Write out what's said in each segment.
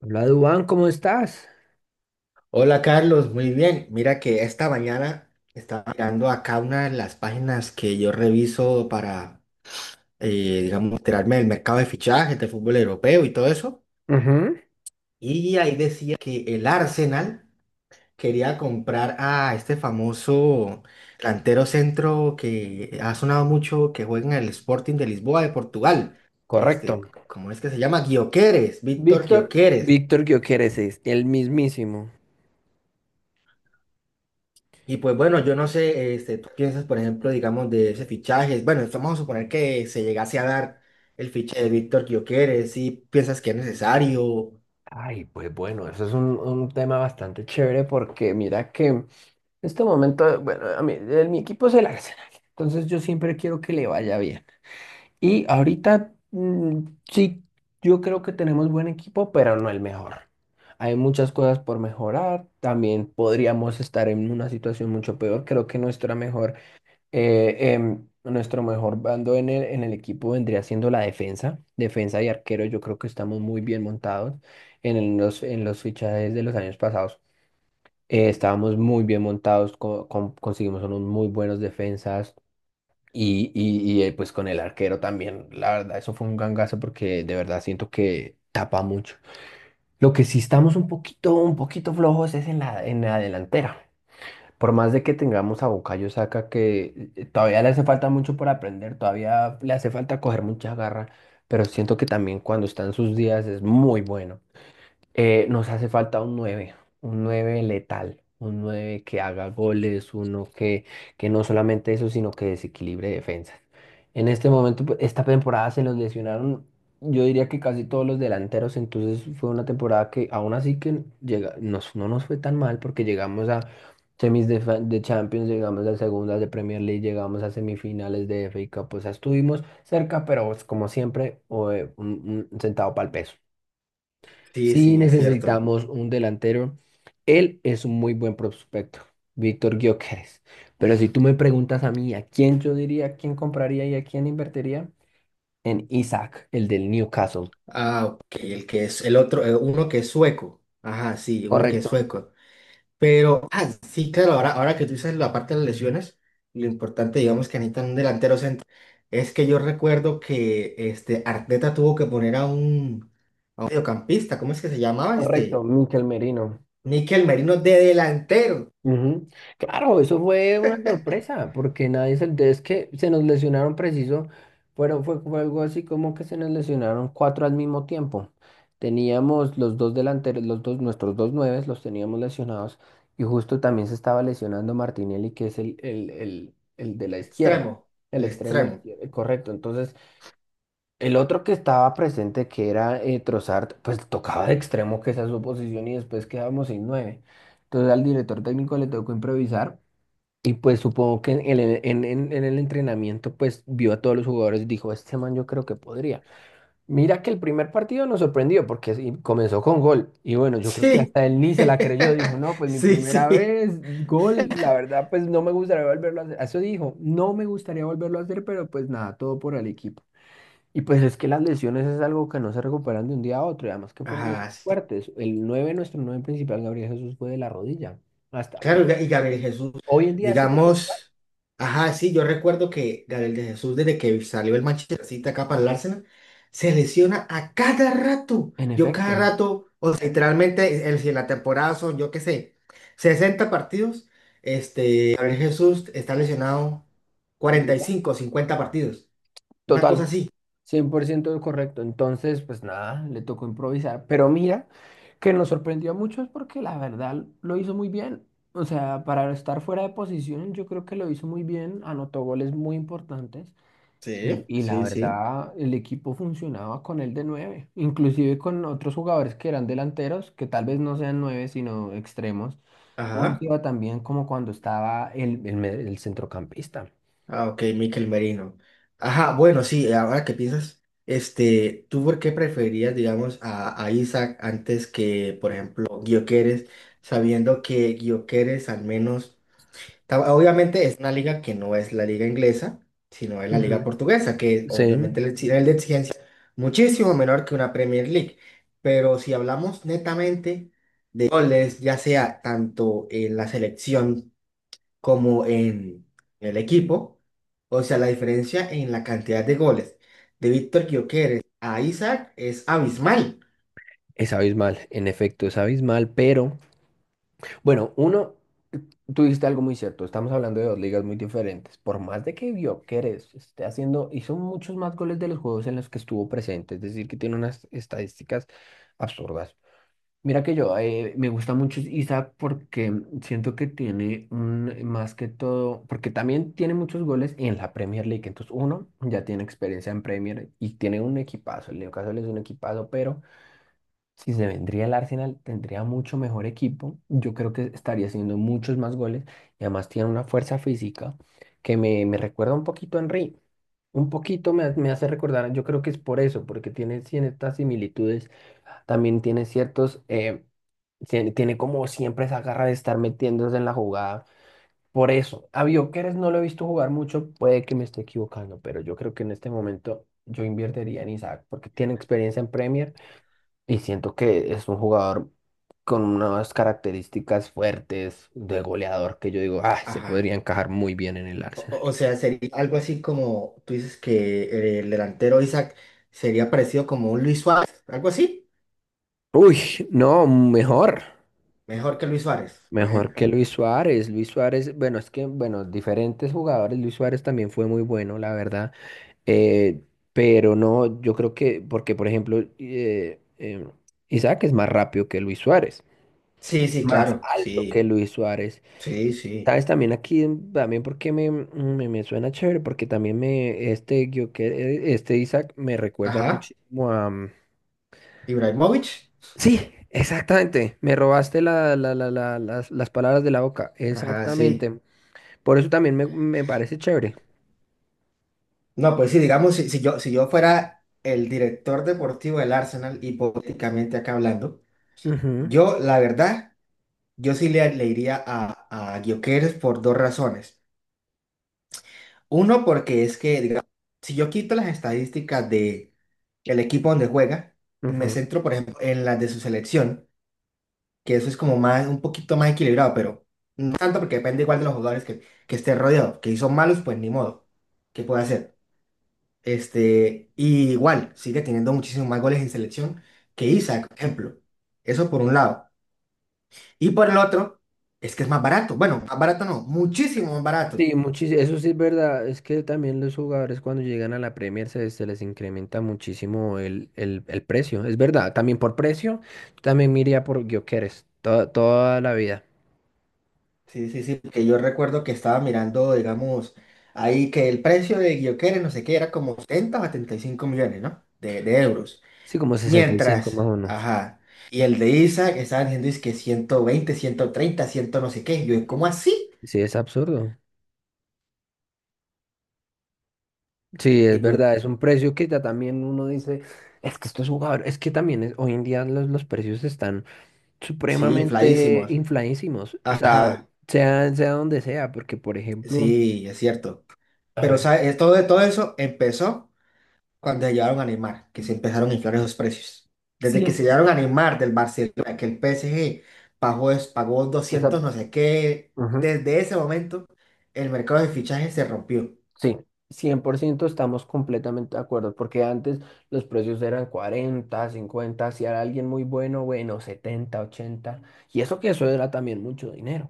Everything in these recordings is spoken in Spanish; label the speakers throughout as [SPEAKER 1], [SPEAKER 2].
[SPEAKER 1] Hola, Dubán, ¿cómo estás?
[SPEAKER 2] Hola Carlos, muy bien. Mira que esta mañana estaba mirando acá una de las páginas que yo reviso digamos, enterarme del mercado de fichajes de fútbol europeo y todo eso.
[SPEAKER 1] Ujú.
[SPEAKER 2] Y ahí decía que el Arsenal quería comprar a este famoso delantero centro que ha sonado mucho, que juega en el Sporting de Lisboa de Portugal. Este,
[SPEAKER 1] Correcto.
[SPEAKER 2] ¿cómo es que se llama? Gyökeres, Víctor
[SPEAKER 1] Víctor,
[SPEAKER 2] Gyökeres.
[SPEAKER 1] Víctor Gioqueres es el mismísimo.
[SPEAKER 2] Y pues bueno, yo no sé, este, tú piensas, por ejemplo, digamos, de ese fichaje. Bueno, vamos a suponer que se llegase a dar el fichaje de Víctor Gyökeres, si piensas que es necesario.
[SPEAKER 1] Ay, pues bueno, eso es un tema bastante chévere porque mira que en este momento, bueno, a mí, mi equipo es el Arsenal, entonces yo siempre quiero que le vaya bien. Y ahorita, mm, sí, yo creo que tenemos buen equipo, pero no el mejor. Hay muchas cosas por mejorar, también podríamos estar en una situación mucho peor, creo que nuestra mejor nuestro mejor bando en el equipo vendría siendo la defensa. Defensa y arquero, yo creo que estamos muy bien montados. En los fichajes de los años pasados, estábamos muy bien montados, conseguimos unos muy buenos defensas. Y pues con el arquero también, la verdad, eso fue un gangazo porque de verdad siento que tapa mucho. Lo que sí estamos un poquito flojos es en la delantera. Por más de que tengamos a Bukayo Saka, que todavía le hace falta mucho por aprender, todavía le hace falta coger mucha garra, pero siento que también cuando está en sus días es muy bueno. Nos hace falta un 9 letal, un 9 que haga goles, que no solamente eso, sino que desequilibre defensas. En este momento, pues, esta temporada se nos lesionaron, yo diría que casi todos los delanteros, entonces fue una temporada que aún así que llega, no nos fue tan mal porque llegamos a semis de Champions, llegamos a segundas de Premier League, llegamos a semifinales de FA Cup. O sea, estuvimos cerca, pero pues, como siempre, un centavo para el peso.
[SPEAKER 2] Sí,
[SPEAKER 1] Sí
[SPEAKER 2] sí, es cierto.
[SPEAKER 1] necesitamos un delantero. Él es un muy buen prospecto, Víctor Gyökeres. Pero si tú me preguntas a mí, ¿a quién yo diría, quién compraría y a quién invertiría? En Isaac, el del Newcastle.
[SPEAKER 2] Ah, ok, el que es el otro, uno que es sueco. Ajá, sí, uno que es
[SPEAKER 1] Correcto.
[SPEAKER 2] sueco. Pero, ah, sí, claro, ahora que tú dices la parte de las lesiones, lo importante, digamos, que necesitan un delantero centro. Es que yo recuerdo que este Arteta tuvo que poner a un mediocampista, ¿cómo es que se llamaba este?
[SPEAKER 1] Mikel Merino.
[SPEAKER 2] Níquel Merino de delantero.
[SPEAKER 1] Ujú. Claro, eso fue una sorpresa, porque nadie se es que se nos lesionaron preciso, fue algo así como que se nos lesionaron cuatro al mismo tiempo. Teníamos los dos delanteros, nuestros dos nueves los teníamos lesionados, y justo también se estaba lesionando Martinelli, que es el de la izquierda,
[SPEAKER 2] Extremo.
[SPEAKER 1] el
[SPEAKER 2] El
[SPEAKER 1] extremo
[SPEAKER 2] extremo.
[SPEAKER 1] izquierdo, correcto. Entonces, el otro que estaba presente, que era Trossard, pues tocaba de extremo, que esa es su posición, y después quedábamos sin nueve. Entonces al director técnico le tocó improvisar, y pues supongo que en el entrenamiento, pues vio a todos los jugadores y dijo, este man yo creo que podría. Mira que el primer partido nos sorprendió, porque sí, comenzó con gol, y bueno, yo creo que
[SPEAKER 2] Sí.
[SPEAKER 1] hasta él ni se la creyó, dijo, no, pues mi
[SPEAKER 2] Sí,
[SPEAKER 1] primera
[SPEAKER 2] sí.
[SPEAKER 1] vez, gol, la verdad, pues no me gustaría volverlo a hacer. Eso dijo, no me gustaría volverlo a hacer, pero pues nada, todo por el equipo. Y pues es que las lesiones es algo que no se recuperan de un día a otro, y además que fueron
[SPEAKER 2] Ajá,
[SPEAKER 1] lesiones
[SPEAKER 2] sí.
[SPEAKER 1] fuertes. El 9 Nuestro 9 principal, Gabriel Jesús, fue de la rodilla. Hasta
[SPEAKER 2] Claro, y Gabriel Jesús,
[SPEAKER 1] hoy en día sigue sin jugar.
[SPEAKER 2] digamos, ajá, sí, yo recuerdo que Gabriel de Jesús, desde que salió el Manchester City acá para el Arsenal, se lesiona a cada rato.
[SPEAKER 1] En
[SPEAKER 2] Yo cada
[SPEAKER 1] efecto,
[SPEAKER 2] rato, o sea, literalmente, el- si en la temporada son, yo qué sé, 60 partidos, este, Gabriel Jesús está lesionado
[SPEAKER 1] la mitad.
[SPEAKER 2] 45, 50 partidos. Una cosa
[SPEAKER 1] Total,
[SPEAKER 2] así.
[SPEAKER 1] 100% correcto. Entonces, pues nada, le tocó improvisar. Pero mira, que nos sorprendió a muchos porque la verdad lo hizo muy bien. O sea, para estar fuera de posición, yo creo que lo hizo muy bien. Anotó goles muy importantes. Y,
[SPEAKER 2] Sí,
[SPEAKER 1] y la
[SPEAKER 2] sí, sí.
[SPEAKER 1] verdad, el equipo funcionaba con él de nueve, inclusive con otros jugadores que eran delanteros, que tal vez no sean nueve, sino extremos. No nos
[SPEAKER 2] Ajá.
[SPEAKER 1] iba tan bien como cuando estaba el centrocampista.
[SPEAKER 2] Ah, ok, Mikel Merino. Ajá, bueno, sí, ahora que piensas, este, ¿tú por qué preferirías, digamos, a Isaac antes que, por ejemplo, Gyökeres, sabiendo que Gyökeres al menos, ta- obviamente es una liga que no es la liga inglesa, sino es la liga
[SPEAKER 1] Ujú.
[SPEAKER 2] portuguesa, que
[SPEAKER 1] Sí,
[SPEAKER 2] obviamente el exi- nivel de exigencia es muchísimo menor que una Premier League. Pero si hablamos netamente de goles, ya sea tanto en la selección, como en el equipo, o sea, la diferencia en la cantidad de goles de Víctor Gyökeres a Isaac es abismal.
[SPEAKER 1] es abismal, en efecto, es abismal, pero bueno, uno, tú dijiste algo muy cierto, estamos hablando de dos ligas muy diferentes, por más de que Gyökeres esté haciendo, hizo muchos más goles de los juegos en los que estuvo presente, es decir, que tiene unas estadísticas absurdas. Mira que yo me gusta mucho Isaac porque siento que tiene más que todo, porque también tiene muchos goles en la Premier League. Entonces, uno ya tiene experiencia en Premier y tiene un equipazo. El Newcastle es un equipazo, pero si se vendría el Arsenal, tendría mucho mejor equipo. Yo creo que estaría haciendo muchos más goles y además tiene una fuerza física que me recuerda un poquito a Henry. Un poquito me, ha- Me hace recordar, yo creo que es por eso, porque tiene ciertas similitudes también tiene tiene como siempre esa garra de estar metiéndose en la jugada. Por eso, a Bioqueres no lo he visto jugar mucho, puede que me esté equivocando, pero yo creo que en este momento yo invertiría en Isaac porque tiene experiencia en Premier y siento que es un jugador con unas características fuertes de goleador que yo digo, ah, se
[SPEAKER 2] Ajá.
[SPEAKER 1] podría encajar muy bien en el Arsenal.
[SPEAKER 2] O sea, sería algo así como tú dices que el delantero Isaac sería parecido como un Luis Suárez, algo así.
[SPEAKER 1] Uy, no, mejor.
[SPEAKER 2] Mejor que Luis Suárez, por
[SPEAKER 1] Mejor
[SPEAKER 2] ejemplo.
[SPEAKER 1] que Luis Suárez. Luis Suárez, bueno, es que, bueno, diferentes jugadores. Luis Suárez también fue muy bueno, la verdad. eh, pero no, yo creo que, porque por ejemplo, Isaac es más rápido que Luis Suárez,
[SPEAKER 2] Sí, sí,
[SPEAKER 1] más
[SPEAKER 2] claro.
[SPEAKER 1] alto que
[SPEAKER 2] Sí,
[SPEAKER 1] Luis Suárez.
[SPEAKER 2] sí, sí.
[SPEAKER 1] ¿Sabes? También aquí, también porque me suena chévere, porque también me, este, yo, que, este Isaac me recuerda
[SPEAKER 2] Ajá.
[SPEAKER 1] muchísimo a... mm,
[SPEAKER 2] Ibrahimovic.
[SPEAKER 1] sí, exactamente. Me robaste las palabras de la boca.
[SPEAKER 2] Ajá, sí.
[SPEAKER 1] Exactamente. Por eso también me parece chévere.
[SPEAKER 2] No, pues sí, digamos, si yo fuera el director deportivo del Arsenal, hipotéticamente acá hablando,
[SPEAKER 1] Ujú,
[SPEAKER 2] yo, la verdad, le iría a Gyökeres por dos razones. Uno, porque es que, digamos, si yo quito las estadísticas de el equipo donde juega y me
[SPEAKER 1] ujú.
[SPEAKER 2] centro, por ejemplo, en las de su selección, que eso es como más, un poquito más equilibrado, pero no tanto porque depende igual de los jugadores que esté rodeado. Que si son malos, pues ni modo. ¿Qué puede hacer? Este, y igual, sigue teniendo muchísimos más goles en selección que Isaac, por ejemplo. Eso por un lado. Y por el otro, es que es más barato. Bueno, más barato no, muchísimo más barato.
[SPEAKER 1] Sí, muchísimo, eso sí es verdad, es que también los jugadores cuando llegan a la Premier se les incrementa muchísimo el precio, es verdad, también por precio, también me iría por Gyökeres, toda la vida,
[SPEAKER 2] Sí, sí, sí, porque yo recuerdo que estaba mirando, digamos, ahí que el precio de Guioquere, no sé qué, era como 70 o 75 millones, ¿no? De euros.
[SPEAKER 1] sí, como sesenta y cinco
[SPEAKER 2] Mientras,
[SPEAKER 1] más o menos,
[SPEAKER 2] ajá. Y el de Isa, que estaban diciendo es que 120 130 100 no sé qué. Yo, ¿cómo así?
[SPEAKER 1] sí, es absurdo, sí,
[SPEAKER 2] Y
[SPEAKER 1] es
[SPEAKER 2] pues,
[SPEAKER 1] verdad, es un precio que ya también uno dice, es que estos jugadores, es que también hoy en día los precios están
[SPEAKER 2] sí,
[SPEAKER 1] supremamente
[SPEAKER 2] infladísimos.
[SPEAKER 1] infladísimos. O sea,
[SPEAKER 2] Ajá,
[SPEAKER 1] sea donde sea, porque por ejemplo,
[SPEAKER 2] sí, es cierto.
[SPEAKER 1] a
[SPEAKER 2] Pero,
[SPEAKER 1] ver,
[SPEAKER 2] ¿sabes? Todo eso empezó cuando se llevaron a Neymar, que se empezaron a inflar esos precios. Desde que
[SPEAKER 1] 100,
[SPEAKER 2] se llevaron a Neymar del Barcelona, que el PSG pagó, es- pagó
[SPEAKER 1] esa-
[SPEAKER 2] 200 no sé qué,
[SPEAKER 1] ujú,
[SPEAKER 2] desde ese momento el mercado de fichajes se rompió.
[SPEAKER 1] sí, 100% estamos completamente de acuerdo, porque antes los precios eran 40, 50, si era alguien muy bueno, bueno, 70, 80, y eso que eso era también mucho dinero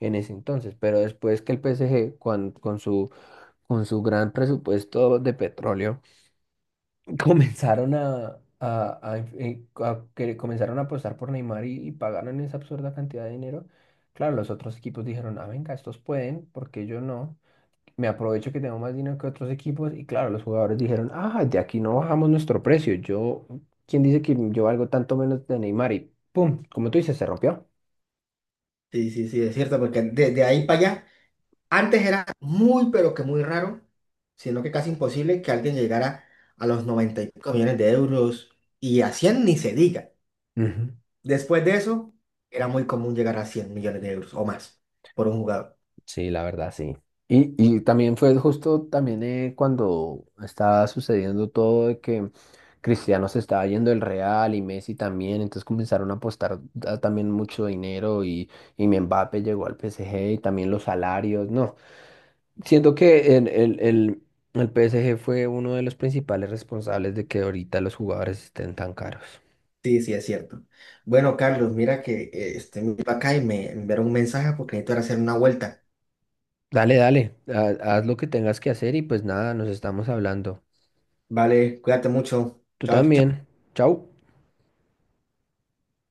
[SPEAKER 1] en ese entonces, pero después que el PSG con su gran presupuesto de petróleo comenzaron a inf- a que comenzaron a apostar por Neymar y pagaron esa absurda cantidad de dinero. Claro, los otros equipos dijeron, ah, venga, estos pueden, ¿porque yo no? Me aprovecho que tengo más dinero que otros equipos. Y claro, los jugadores dijeron, ah, de aquí no bajamos nuestro precio. Yo, ¿quién dice que yo valgo tanto menos de Neymar? Y pum, como tú dices, se rompió.
[SPEAKER 2] Sí, sí, sí, es cierto, porque desde ahí para allá, antes era muy, pero que muy raro, sino que casi imposible que alguien llegara a los 95 millones de euros y a 100 ni se diga.
[SPEAKER 1] Ujú.
[SPEAKER 2] Después de eso, era muy común llegar a 100 millones de euros o más por un jugador.
[SPEAKER 1] Sí, la verdad, sí. Y también fue justo también cuando estaba sucediendo todo de que Cristiano se estaba yendo del Real y Messi también, entonces comenzaron a apostar ah, también mucho dinero y mi Mbappé llegó al PSG y también los salarios, no. Siento que el PSG fue uno de los principales responsables de que ahorita los jugadores estén tan caros.
[SPEAKER 2] Sí, sí, es cierto. Bueno, Carlos, mira que este, me iba acá y me enviaron un mensaje porque necesito ir a hacer una vuelta.
[SPEAKER 1] Dale, dale, haz lo que tengas que hacer y pues nada, nos estamos hablando.
[SPEAKER 2] Vale, cuídate mucho.
[SPEAKER 1] Tú
[SPEAKER 2] Chao.
[SPEAKER 1] también. Chau.